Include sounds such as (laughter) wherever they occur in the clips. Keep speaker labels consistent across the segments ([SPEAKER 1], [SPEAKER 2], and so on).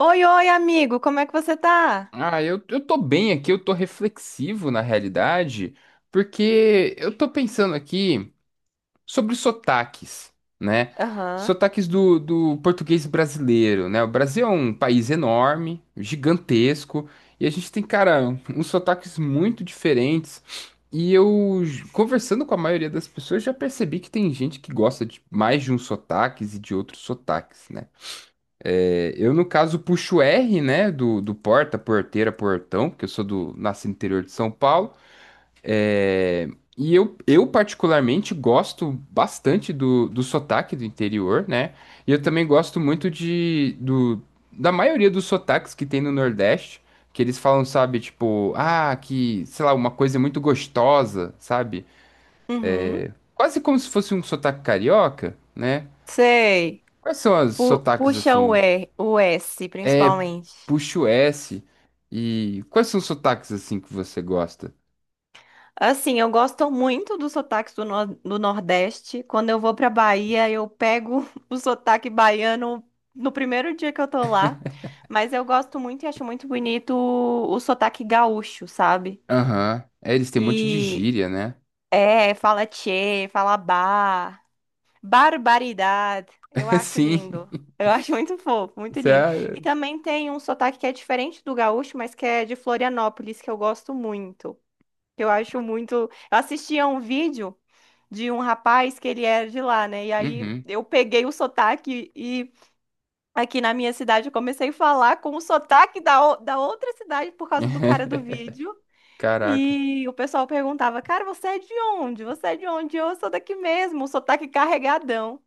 [SPEAKER 1] Oi, oi, amigo, como é que você tá?
[SPEAKER 2] Eu tô bem aqui, eu tô reflexivo na realidade, porque eu tô pensando aqui sobre sotaques, né?
[SPEAKER 1] Aham.
[SPEAKER 2] Sotaques do português brasileiro, né? O Brasil é um país enorme, gigantesco, e a gente tem, cara, uns sotaques muito diferentes. E conversando com a maioria das pessoas, já percebi que tem gente que gosta de mais de uns sotaques e de outros sotaques, né? Eu, no caso, puxo R, né, do porta, porteira, portão, porque eu sou do, nasci no interior de São Paulo. É, E eu particularmente gosto bastante do sotaque do interior, né? E eu também gosto muito da maioria dos sotaques que tem no Nordeste, que eles falam, sabe, tipo, ah, que, sei lá, uma coisa muito gostosa, sabe?
[SPEAKER 1] Uhum.
[SPEAKER 2] Quase como se fosse um sotaque carioca, né?
[SPEAKER 1] Sei.
[SPEAKER 2] Quais são os sotaques
[SPEAKER 1] Puxa o
[SPEAKER 2] assim?
[SPEAKER 1] E, o S,
[SPEAKER 2] É,
[SPEAKER 1] principalmente.
[SPEAKER 2] Puxa o S. E quais são os sotaques assim que você gosta?
[SPEAKER 1] Assim, eu gosto muito dos sotaques do, nor- do Nordeste. Quando eu vou pra Bahia, eu pego (laughs) o sotaque baiano no primeiro dia que eu tô lá. Mas eu gosto muito e acho muito bonito o sotaque gaúcho, sabe?
[SPEAKER 2] Aham. É, eles têm um monte de
[SPEAKER 1] E
[SPEAKER 2] gíria, né?
[SPEAKER 1] É, fala tchê, fala bah. Barbaridade. Eu
[SPEAKER 2] (laughs)
[SPEAKER 1] acho
[SPEAKER 2] Sim.
[SPEAKER 1] lindo. Eu (laughs) acho muito fofo, muito lindo.
[SPEAKER 2] Sério.
[SPEAKER 1] E também tem um sotaque que é diferente do gaúcho, mas que é de Florianópolis, que eu gosto muito. Que eu acho muito. Eu assisti a um vídeo de um rapaz que ele era de lá, né? E aí
[SPEAKER 2] Uhum.
[SPEAKER 1] eu peguei o sotaque e aqui na minha cidade eu comecei a falar com o sotaque da outra cidade por causa do cara do
[SPEAKER 2] (laughs)
[SPEAKER 1] vídeo.
[SPEAKER 2] Caraca.
[SPEAKER 1] E o pessoal perguntava: "Cara, você é de onde? Você é de onde?" Eu sou daqui mesmo, o sotaque carregadão.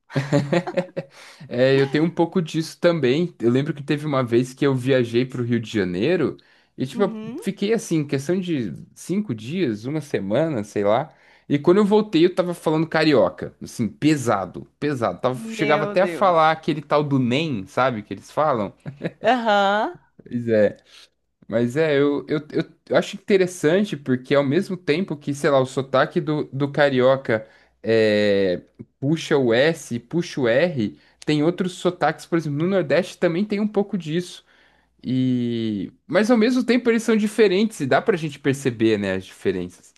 [SPEAKER 2] É, eu tenho um pouco disso também. Eu lembro que teve uma vez que eu viajei pro Rio de Janeiro e, tipo, eu
[SPEAKER 1] Uhum.
[SPEAKER 2] fiquei assim, questão de cinco dias, uma semana, sei lá. E quando eu voltei, eu tava falando carioca, assim, pesado, pesado. Tava, chegava
[SPEAKER 1] Meu
[SPEAKER 2] até a
[SPEAKER 1] Deus.
[SPEAKER 2] falar aquele tal do NEM, sabe, que eles falam.
[SPEAKER 1] Aham.
[SPEAKER 2] Pois é. Mas é, eu acho interessante porque ao mesmo tempo que, sei lá, o sotaque do carioca é, puxa o S, puxa o R, tem outros sotaques, por exemplo, no Nordeste também tem um pouco disso. E mas ao mesmo tempo eles são diferentes e dá pra gente perceber, né, as diferenças.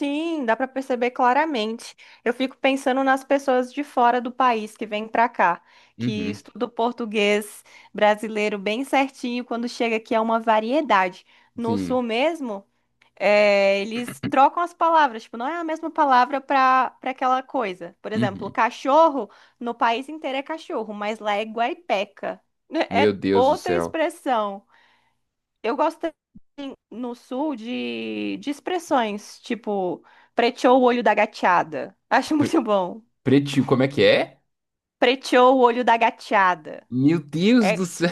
[SPEAKER 1] Sim, dá para perceber claramente. Eu fico pensando nas pessoas de fora do país que vêm para cá, que
[SPEAKER 2] Uhum,
[SPEAKER 1] estudam português brasileiro bem certinho, quando chega aqui é uma variedade. No
[SPEAKER 2] sim.
[SPEAKER 1] sul mesmo, eles trocam as palavras, tipo, não é a mesma palavra para aquela coisa. Por exemplo,
[SPEAKER 2] Uhum.
[SPEAKER 1] cachorro, no país inteiro é cachorro, mas lá é guaipeca. (laughs)
[SPEAKER 2] Meu
[SPEAKER 1] É
[SPEAKER 2] Deus do
[SPEAKER 1] outra
[SPEAKER 2] céu.
[SPEAKER 1] expressão. Eu gosto no sul de expressões, tipo, preteou o olho da gateada. (laughs) Acho
[SPEAKER 2] Pre-
[SPEAKER 1] muito bom.
[SPEAKER 2] Pretinho, como é que é?
[SPEAKER 1] Preteou o olho da gateada.
[SPEAKER 2] Meu Deus do
[SPEAKER 1] É,
[SPEAKER 2] céu.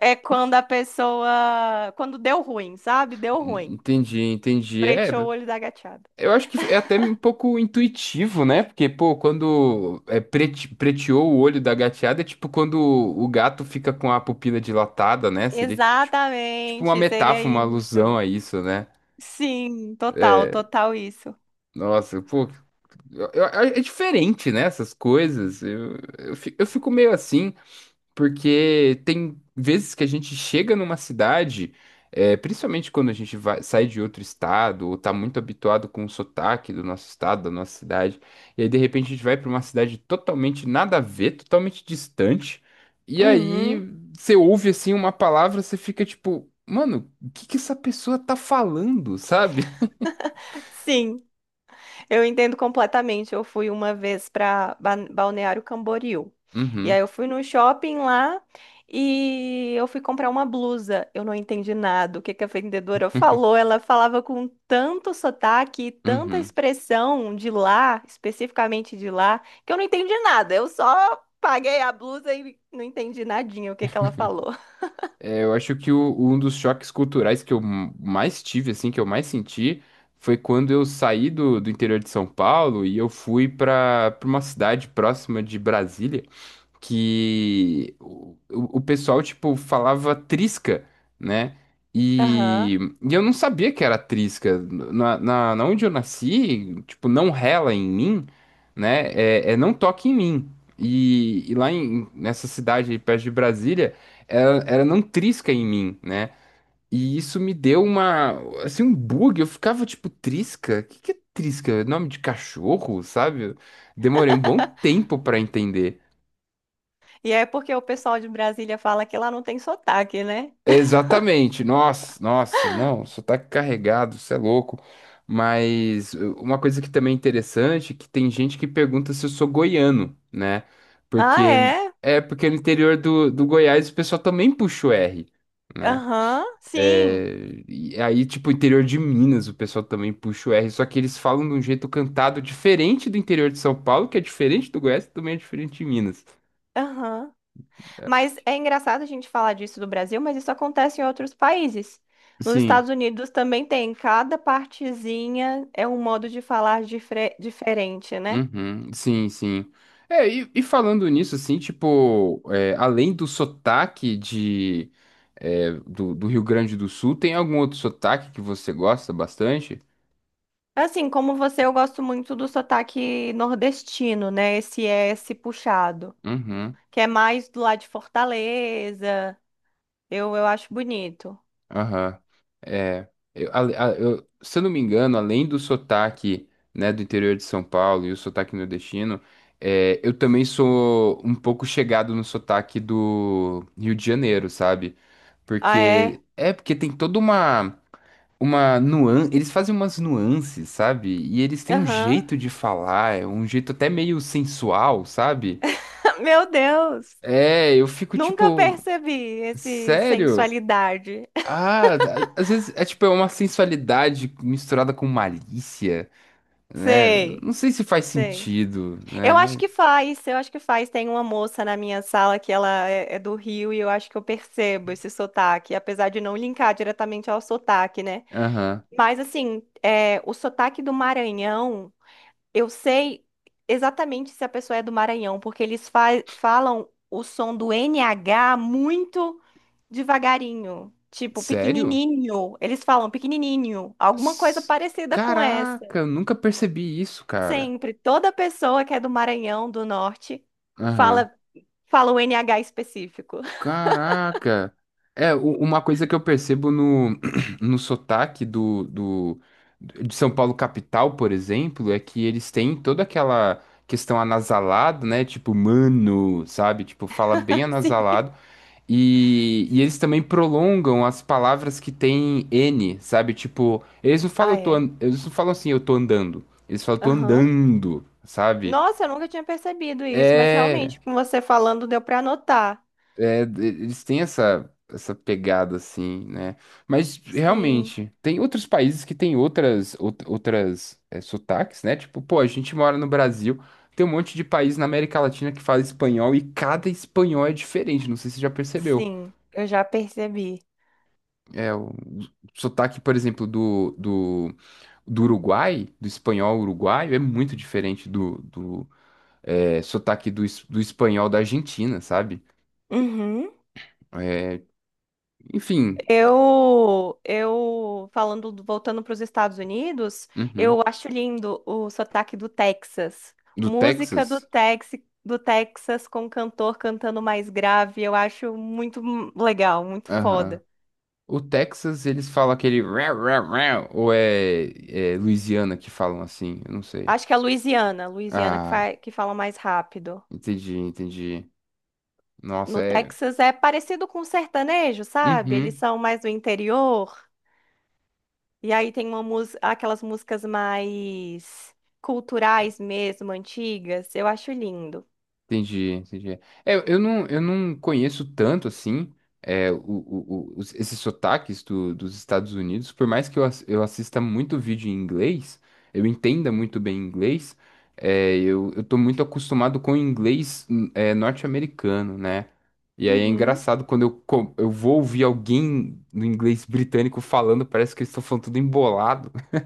[SPEAKER 1] é quando a pessoa. Quando deu ruim, sabe?
[SPEAKER 2] (laughs)
[SPEAKER 1] Deu ruim.
[SPEAKER 2] Entendi, entendi. É,
[SPEAKER 1] Preteou o olho da gateada.
[SPEAKER 2] eu acho que é até um pouco intuitivo, né? Porque, pô, preteou o olho da gateada, é tipo quando o gato fica com a pupila dilatada, né? Seria tipo, tipo uma
[SPEAKER 1] Exatamente, seria
[SPEAKER 2] metáfora, uma
[SPEAKER 1] isso.
[SPEAKER 2] alusão a isso, né?
[SPEAKER 1] Sim, total, total isso.
[SPEAKER 2] Nossa, pô, é diferente, né? Essas coisas. Eu fico meio assim. Porque tem vezes que a gente chega numa cidade, é, principalmente quando a gente sai de outro estado, ou tá muito habituado com o sotaque do nosso estado, da nossa cidade, e aí de repente a gente vai para uma cidade totalmente nada a ver, totalmente distante, e aí
[SPEAKER 1] Uhum.
[SPEAKER 2] você ouve assim uma palavra, você fica tipo, mano, o que que essa pessoa tá falando, sabe? (laughs)
[SPEAKER 1] Sim. Eu entendo completamente. Eu fui uma vez para Balneário Camboriú. E aí
[SPEAKER 2] Uhum,
[SPEAKER 1] eu fui no shopping lá e eu fui comprar uma blusa. Eu não entendi nada. O que que a vendedora falou? Ela falava com tanto sotaque, tanta
[SPEAKER 2] uhum.
[SPEAKER 1] expressão de lá, especificamente de lá, que eu não entendi nada. Eu só paguei a blusa e não entendi nadinha o que que ela falou.
[SPEAKER 2] É, eu acho que um dos choques culturais mais tive, assim, que eu mais senti, foi quando eu saí do interior de São Paulo e eu fui para uma cidade próxima de Brasília que o pessoal, tipo, falava trisca, né?
[SPEAKER 1] Aham.
[SPEAKER 2] E eu não sabia que era trisca. Na onde eu nasci, tipo, não rela em mim, né? É, é não toque em mim. E lá em, nessa cidade aí perto de Brasília, era não trisca em mim, né? E isso me deu uma, assim, um bug. Eu ficava tipo, trisca? O que que é trisca? É Nome de cachorro, sabe? Demorei um bom tempo pra entender.
[SPEAKER 1] E é porque o pessoal de Brasília fala que lá não tem sotaque, né?
[SPEAKER 2] Exatamente, nossa, nossa, não, sotaque carregado, isso é louco. Mas uma coisa que também é interessante é que tem gente que pergunta se eu sou goiano, né?
[SPEAKER 1] Ah,
[SPEAKER 2] Porque
[SPEAKER 1] é?
[SPEAKER 2] é porque no interior do Goiás o pessoal também puxa o R, né?
[SPEAKER 1] Aham, sim.
[SPEAKER 2] É, e aí, tipo, interior de Minas, o pessoal também puxa o R, só que eles falam de um jeito cantado diferente do interior de São Paulo, que é diferente do Goiás, que também é diferente de Minas.
[SPEAKER 1] Aham.
[SPEAKER 2] É,
[SPEAKER 1] Mas é engraçado a gente falar disso do Brasil, mas isso acontece em outros países. Nos
[SPEAKER 2] sim.
[SPEAKER 1] Estados Unidos também tem, cada partezinha é um modo de falar diferente, né?
[SPEAKER 2] Uhum, sim. É, e falando nisso, assim, tipo, é, além do sotaque de, é, do Rio Grande do Sul, tem algum outro sotaque que você gosta bastante?
[SPEAKER 1] Assim, como você, eu gosto muito do sotaque nordestino, né? Esse S puxado,
[SPEAKER 2] Uhum,
[SPEAKER 1] que é mais do lado de Fortaleza. Eu acho bonito.
[SPEAKER 2] aham. É, eu, se eu não me engano, além do sotaque, né, do interior de São Paulo e o sotaque nordestino, é, eu também sou um pouco chegado no sotaque do Rio de Janeiro, sabe?
[SPEAKER 1] Ah, é?
[SPEAKER 2] Porque, é, porque tem toda uma nuan, eles fazem umas nuances, sabe? E eles têm um
[SPEAKER 1] Aham.
[SPEAKER 2] jeito de falar, é um jeito até meio sensual, sabe?
[SPEAKER 1] (laughs) Meu Deus!
[SPEAKER 2] É, eu fico
[SPEAKER 1] Nunca
[SPEAKER 2] tipo,
[SPEAKER 1] percebi esse
[SPEAKER 2] sério?
[SPEAKER 1] sensualidade.
[SPEAKER 2] Ah, às vezes é tipo é uma sensualidade misturada com malícia,
[SPEAKER 1] (laughs)
[SPEAKER 2] né?
[SPEAKER 1] Sei,
[SPEAKER 2] Não sei se faz
[SPEAKER 1] sei.
[SPEAKER 2] sentido, né?
[SPEAKER 1] Eu acho
[SPEAKER 2] Mas,
[SPEAKER 1] que faz, eu acho que faz. Tem uma moça na minha sala que ela é do Rio e eu acho que eu percebo esse sotaque, apesar de não linkar diretamente ao sotaque, né?
[SPEAKER 2] aham.
[SPEAKER 1] Mas assim, é, o sotaque do Maranhão, eu sei exatamente se a pessoa é do Maranhão, porque eles falam o som do NH muito devagarinho, tipo
[SPEAKER 2] Sério?
[SPEAKER 1] pequenininho. Eles falam pequenininho, alguma coisa
[SPEAKER 2] S-
[SPEAKER 1] parecida com essa.
[SPEAKER 2] Caraca, eu nunca percebi isso, cara.
[SPEAKER 1] Sempre, toda pessoa que é do Maranhão, do Norte,
[SPEAKER 2] Aham.
[SPEAKER 1] fala. Fala o NH específico.
[SPEAKER 2] Caraca! É, uma coisa que eu percebo no, (clears throat) no sotaque de São Paulo capital, por exemplo, é que eles têm toda aquela questão anasalada, né? Tipo, mano, sabe? Tipo, fala bem
[SPEAKER 1] (laughs) Sim.
[SPEAKER 2] anasalado. E eles também prolongam as palavras que têm N, sabe? Tipo, eles não falam,
[SPEAKER 1] Ah, é?
[SPEAKER 2] eles não falam assim, eu tô andando. Eles falam, tô
[SPEAKER 1] Aham.
[SPEAKER 2] andando, sabe?
[SPEAKER 1] Nossa, eu nunca tinha percebido isso, mas
[SPEAKER 2] É.
[SPEAKER 1] realmente, com você falando, deu pra anotar.
[SPEAKER 2] É, eles têm essa pegada assim, né? Mas
[SPEAKER 1] Sim,
[SPEAKER 2] realmente, tem outros países que têm outras é, sotaques, né? Tipo, pô, a gente mora no Brasil, tem um monte de país na América Latina que fala espanhol e cada espanhol é diferente, não sei se você já percebeu.
[SPEAKER 1] sim, eu já percebi.
[SPEAKER 2] É, o sotaque, por exemplo, do Uruguai, do espanhol uruguaio, é muito diferente do é, sotaque do espanhol da Argentina, sabe?
[SPEAKER 1] Uhum.
[SPEAKER 2] É, enfim,
[SPEAKER 1] Eu falando, voltando para os Estados Unidos,
[SPEAKER 2] uhum.
[SPEAKER 1] eu acho lindo o sotaque do Texas.
[SPEAKER 2] Do
[SPEAKER 1] Música
[SPEAKER 2] Texas.
[SPEAKER 1] Do Texas com cantor cantando mais grave, eu acho muito legal, muito
[SPEAKER 2] Aham.
[SPEAKER 1] foda.
[SPEAKER 2] O Texas, eles falam aquele rau, rau, rau, ou é, é Louisiana que falam assim? Eu não sei.
[SPEAKER 1] Acho que é Louisiana, Louisiana que,
[SPEAKER 2] Ah,
[SPEAKER 1] que fala mais rápido.
[SPEAKER 2] entendi, entendi. Nossa,
[SPEAKER 1] No
[SPEAKER 2] é.
[SPEAKER 1] Texas é parecido com sertanejo, sabe? Eles
[SPEAKER 2] Uhum.
[SPEAKER 1] são mais do interior. E aí tem uma aquelas músicas mais culturais mesmo, antigas. Eu acho lindo.
[SPEAKER 2] Entendi, entendi. É, eu não conheço tanto assim é, esses sotaques dos Estados Unidos, por mais que eu assista muito vídeo em inglês, eu entenda muito bem inglês, é, eu tô muito acostumado com o inglês é, norte-americano, né? E aí é
[SPEAKER 1] Uhum.
[SPEAKER 2] engraçado quando eu vou ouvir alguém no inglês britânico falando, parece que eles estão falando tudo embolado. (laughs)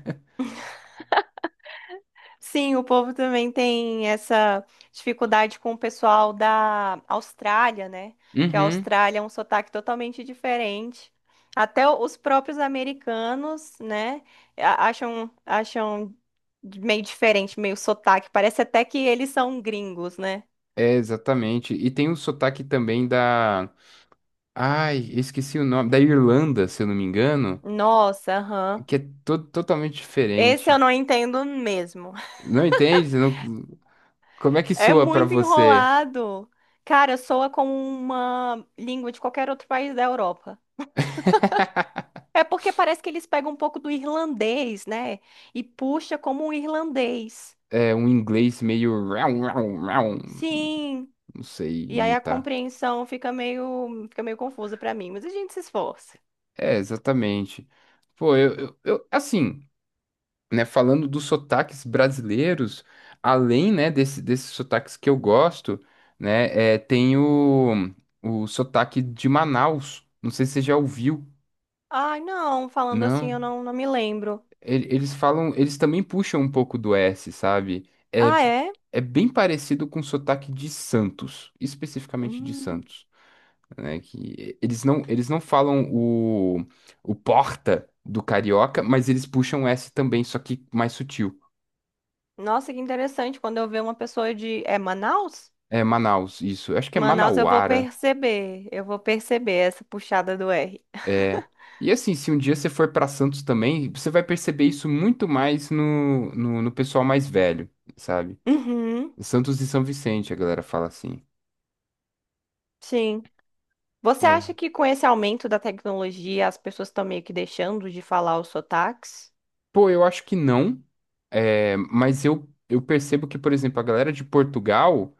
[SPEAKER 1] Sim, o povo também tem essa dificuldade com o pessoal da Austrália, né? Porque a
[SPEAKER 2] Uhum,
[SPEAKER 1] Austrália é um sotaque totalmente diferente. Até os próprios americanos, né, acham, acham meio diferente, meio sotaque. Parece até que eles são gringos, né?
[SPEAKER 2] é, exatamente. E tem o sotaque também da. Ai, eu esqueci o nome. Da Irlanda, se eu não me engano,
[SPEAKER 1] Nossa, aham.
[SPEAKER 2] que é totalmente
[SPEAKER 1] Esse eu
[SPEAKER 2] diferente.
[SPEAKER 1] não entendo mesmo. (laughs)
[SPEAKER 2] Não entende? Você não- Como é que
[SPEAKER 1] É
[SPEAKER 2] soa pra
[SPEAKER 1] muito
[SPEAKER 2] você?
[SPEAKER 1] enrolado. Cara, soa como uma língua de qualquer outro país da Europa.
[SPEAKER 2] (laughs)
[SPEAKER 1] É porque parece que eles pegam um pouco do irlandês, né? E puxa como um irlandês.
[SPEAKER 2] É um inglês meio. Rau, rau, rau.
[SPEAKER 1] Sim.
[SPEAKER 2] Não sei
[SPEAKER 1] E aí a
[SPEAKER 2] imitar.
[SPEAKER 1] compreensão fica meio confusa pra mim, mas a gente se esforça.
[SPEAKER 2] É, exatamente. Pô, assim, né? Falando dos sotaques brasileiros, além, né, desses sotaques que eu gosto, né? É, tem o sotaque de Manaus. Não sei se você já ouviu.
[SPEAKER 1] Ai, não, falando assim,
[SPEAKER 2] Não.
[SPEAKER 1] eu não, não me lembro.
[SPEAKER 2] Eles falam, eles também puxam um pouco do S, sabe? É,
[SPEAKER 1] Ah, é?
[SPEAKER 2] é bem parecido com o sotaque de Santos, especificamente de
[SPEAKER 1] Hum.
[SPEAKER 2] Santos, né? Que eles não falam o porta do carioca, mas eles puxam o S também, só que mais sutil.
[SPEAKER 1] Nossa, que interessante. Quando eu ver uma pessoa de. É Manaus?
[SPEAKER 2] É Manaus, isso. Eu acho que é
[SPEAKER 1] Manaus eu vou
[SPEAKER 2] Manauara.
[SPEAKER 1] perceber. Eu vou perceber essa puxada do R.
[SPEAKER 2] É.
[SPEAKER 1] (laughs)
[SPEAKER 2] E assim, se um dia você for para Santos também, você vai perceber isso muito mais no pessoal mais velho, sabe?
[SPEAKER 1] Uhum,
[SPEAKER 2] Santos e São Vicente, a galera fala assim.
[SPEAKER 1] sim. Você acha
[SPEAKER 2] É.
[SPEAKER 1] que com esse aumento da tecnologia as pessoas estão meio que deixando de falar os sotaques?
[SPEAKER 2] Pô, eu acho que não, é, mas eu percebo que, por exemplo, a galera de Portugal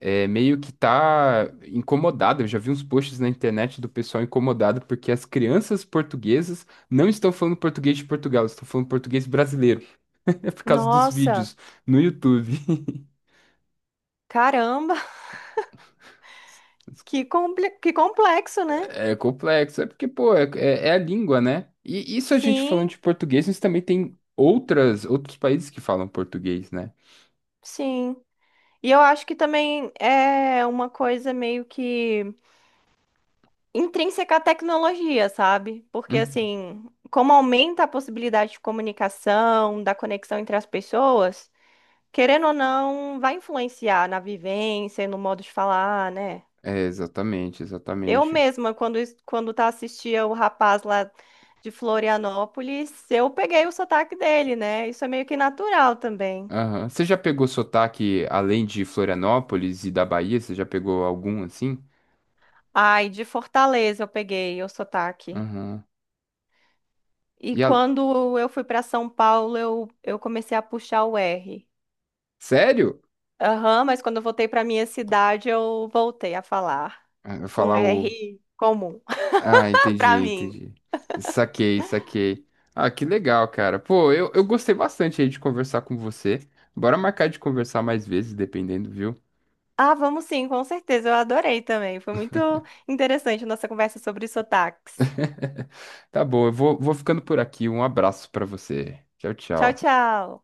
[SPEAKER 2] é, meio que tá incomodada. Eu já vi uns posts na internet do pessoal incomodado porque as crianças portuguesas não estão falando português de Portugal, estão falando português brasileiro, (laughs) é por causa dos
[SPEAKER 1] Nossa,
[SPEAKER 2] vídeos no YouTube. (laughs)
[SPEAKER 1] caramba, (laughs) que complexo, né?
[SPEAKER 2] É complexo, é porque, pô, é a língua, né? E isso a gente falando
[SPEAKER 1] Sim,
[SPEAKER 2] de português, mas também tem outros países que falam português, né?
[SPEAKER 1] sim. E eu acho que também é uma coisa meio que intrínseca à tecnologia, sabe? Porque
[SPEAKER 2] Uhum.
[SPEAKER 1] assim, como aumenta a possibilidade de comunicação, da conexão entre as pessoas, querendo ou não, vai influenciar na vivência, e no modo de falar, né?
[SPEAKER 2] É, exatamente,
[SPEAKER 1] Eu
[SPEAKER 2] exatamente.
[SPEAKER 1] mesma, quando tá assistia o rapaz lá de Florianópolis, eu peguei o sotaque dele, né? Isso é meio que natural também.
[SPEAKER 2] Aham. Você já pegou sotaque além de Florianópolis e da Bahia? Você já pegou algum assim?
[SPEAKER 1] Ai, de Fortaleza eu peguei o sotaque.
[SPEAKER 2] Aham.
[SPEAKER 1] E
[SPEAKER 2] E a
[SPEAKER 1] quando eu fui para São Paulo, eu comecei a puxar o R.
[SPEAKER 2] sério?
[SPEAKER 1] Aham, mas quando eu voltei para minha cidade, eu voltei a falar
[SPEAKER 2] Ah, eu
[SPEAKER 1] com
[SPEAKER 2] falar o.
[SPEAKER 1] R comum
[SPEAKER 2] Ah,
[SPEAKER 1] (laughs)
[SPEAKER 2] entendi,
[SPEAKER 1] para mim.
[SPEAKER 2] entendi. Saquei, saquei. Ah, que legal, cara. Pô, eu gostei bastante aí de conversar com você. Bora marcar de conversar mais vezes, dependendo, viu?
[SPEAKER 1] Ah, vamos sim, com certeza. Eu adorei também. Foi muito interessante a nossa conversa sobre sotaques.
[SPEAKER 2] (laughs) Tá bom, vou ficando por aqui. Um abraço pra você. Tchau,
[SPEAKER 1] Tchau,
[SPEAKER 2] tchau.
[SPEAKER 1] tchau.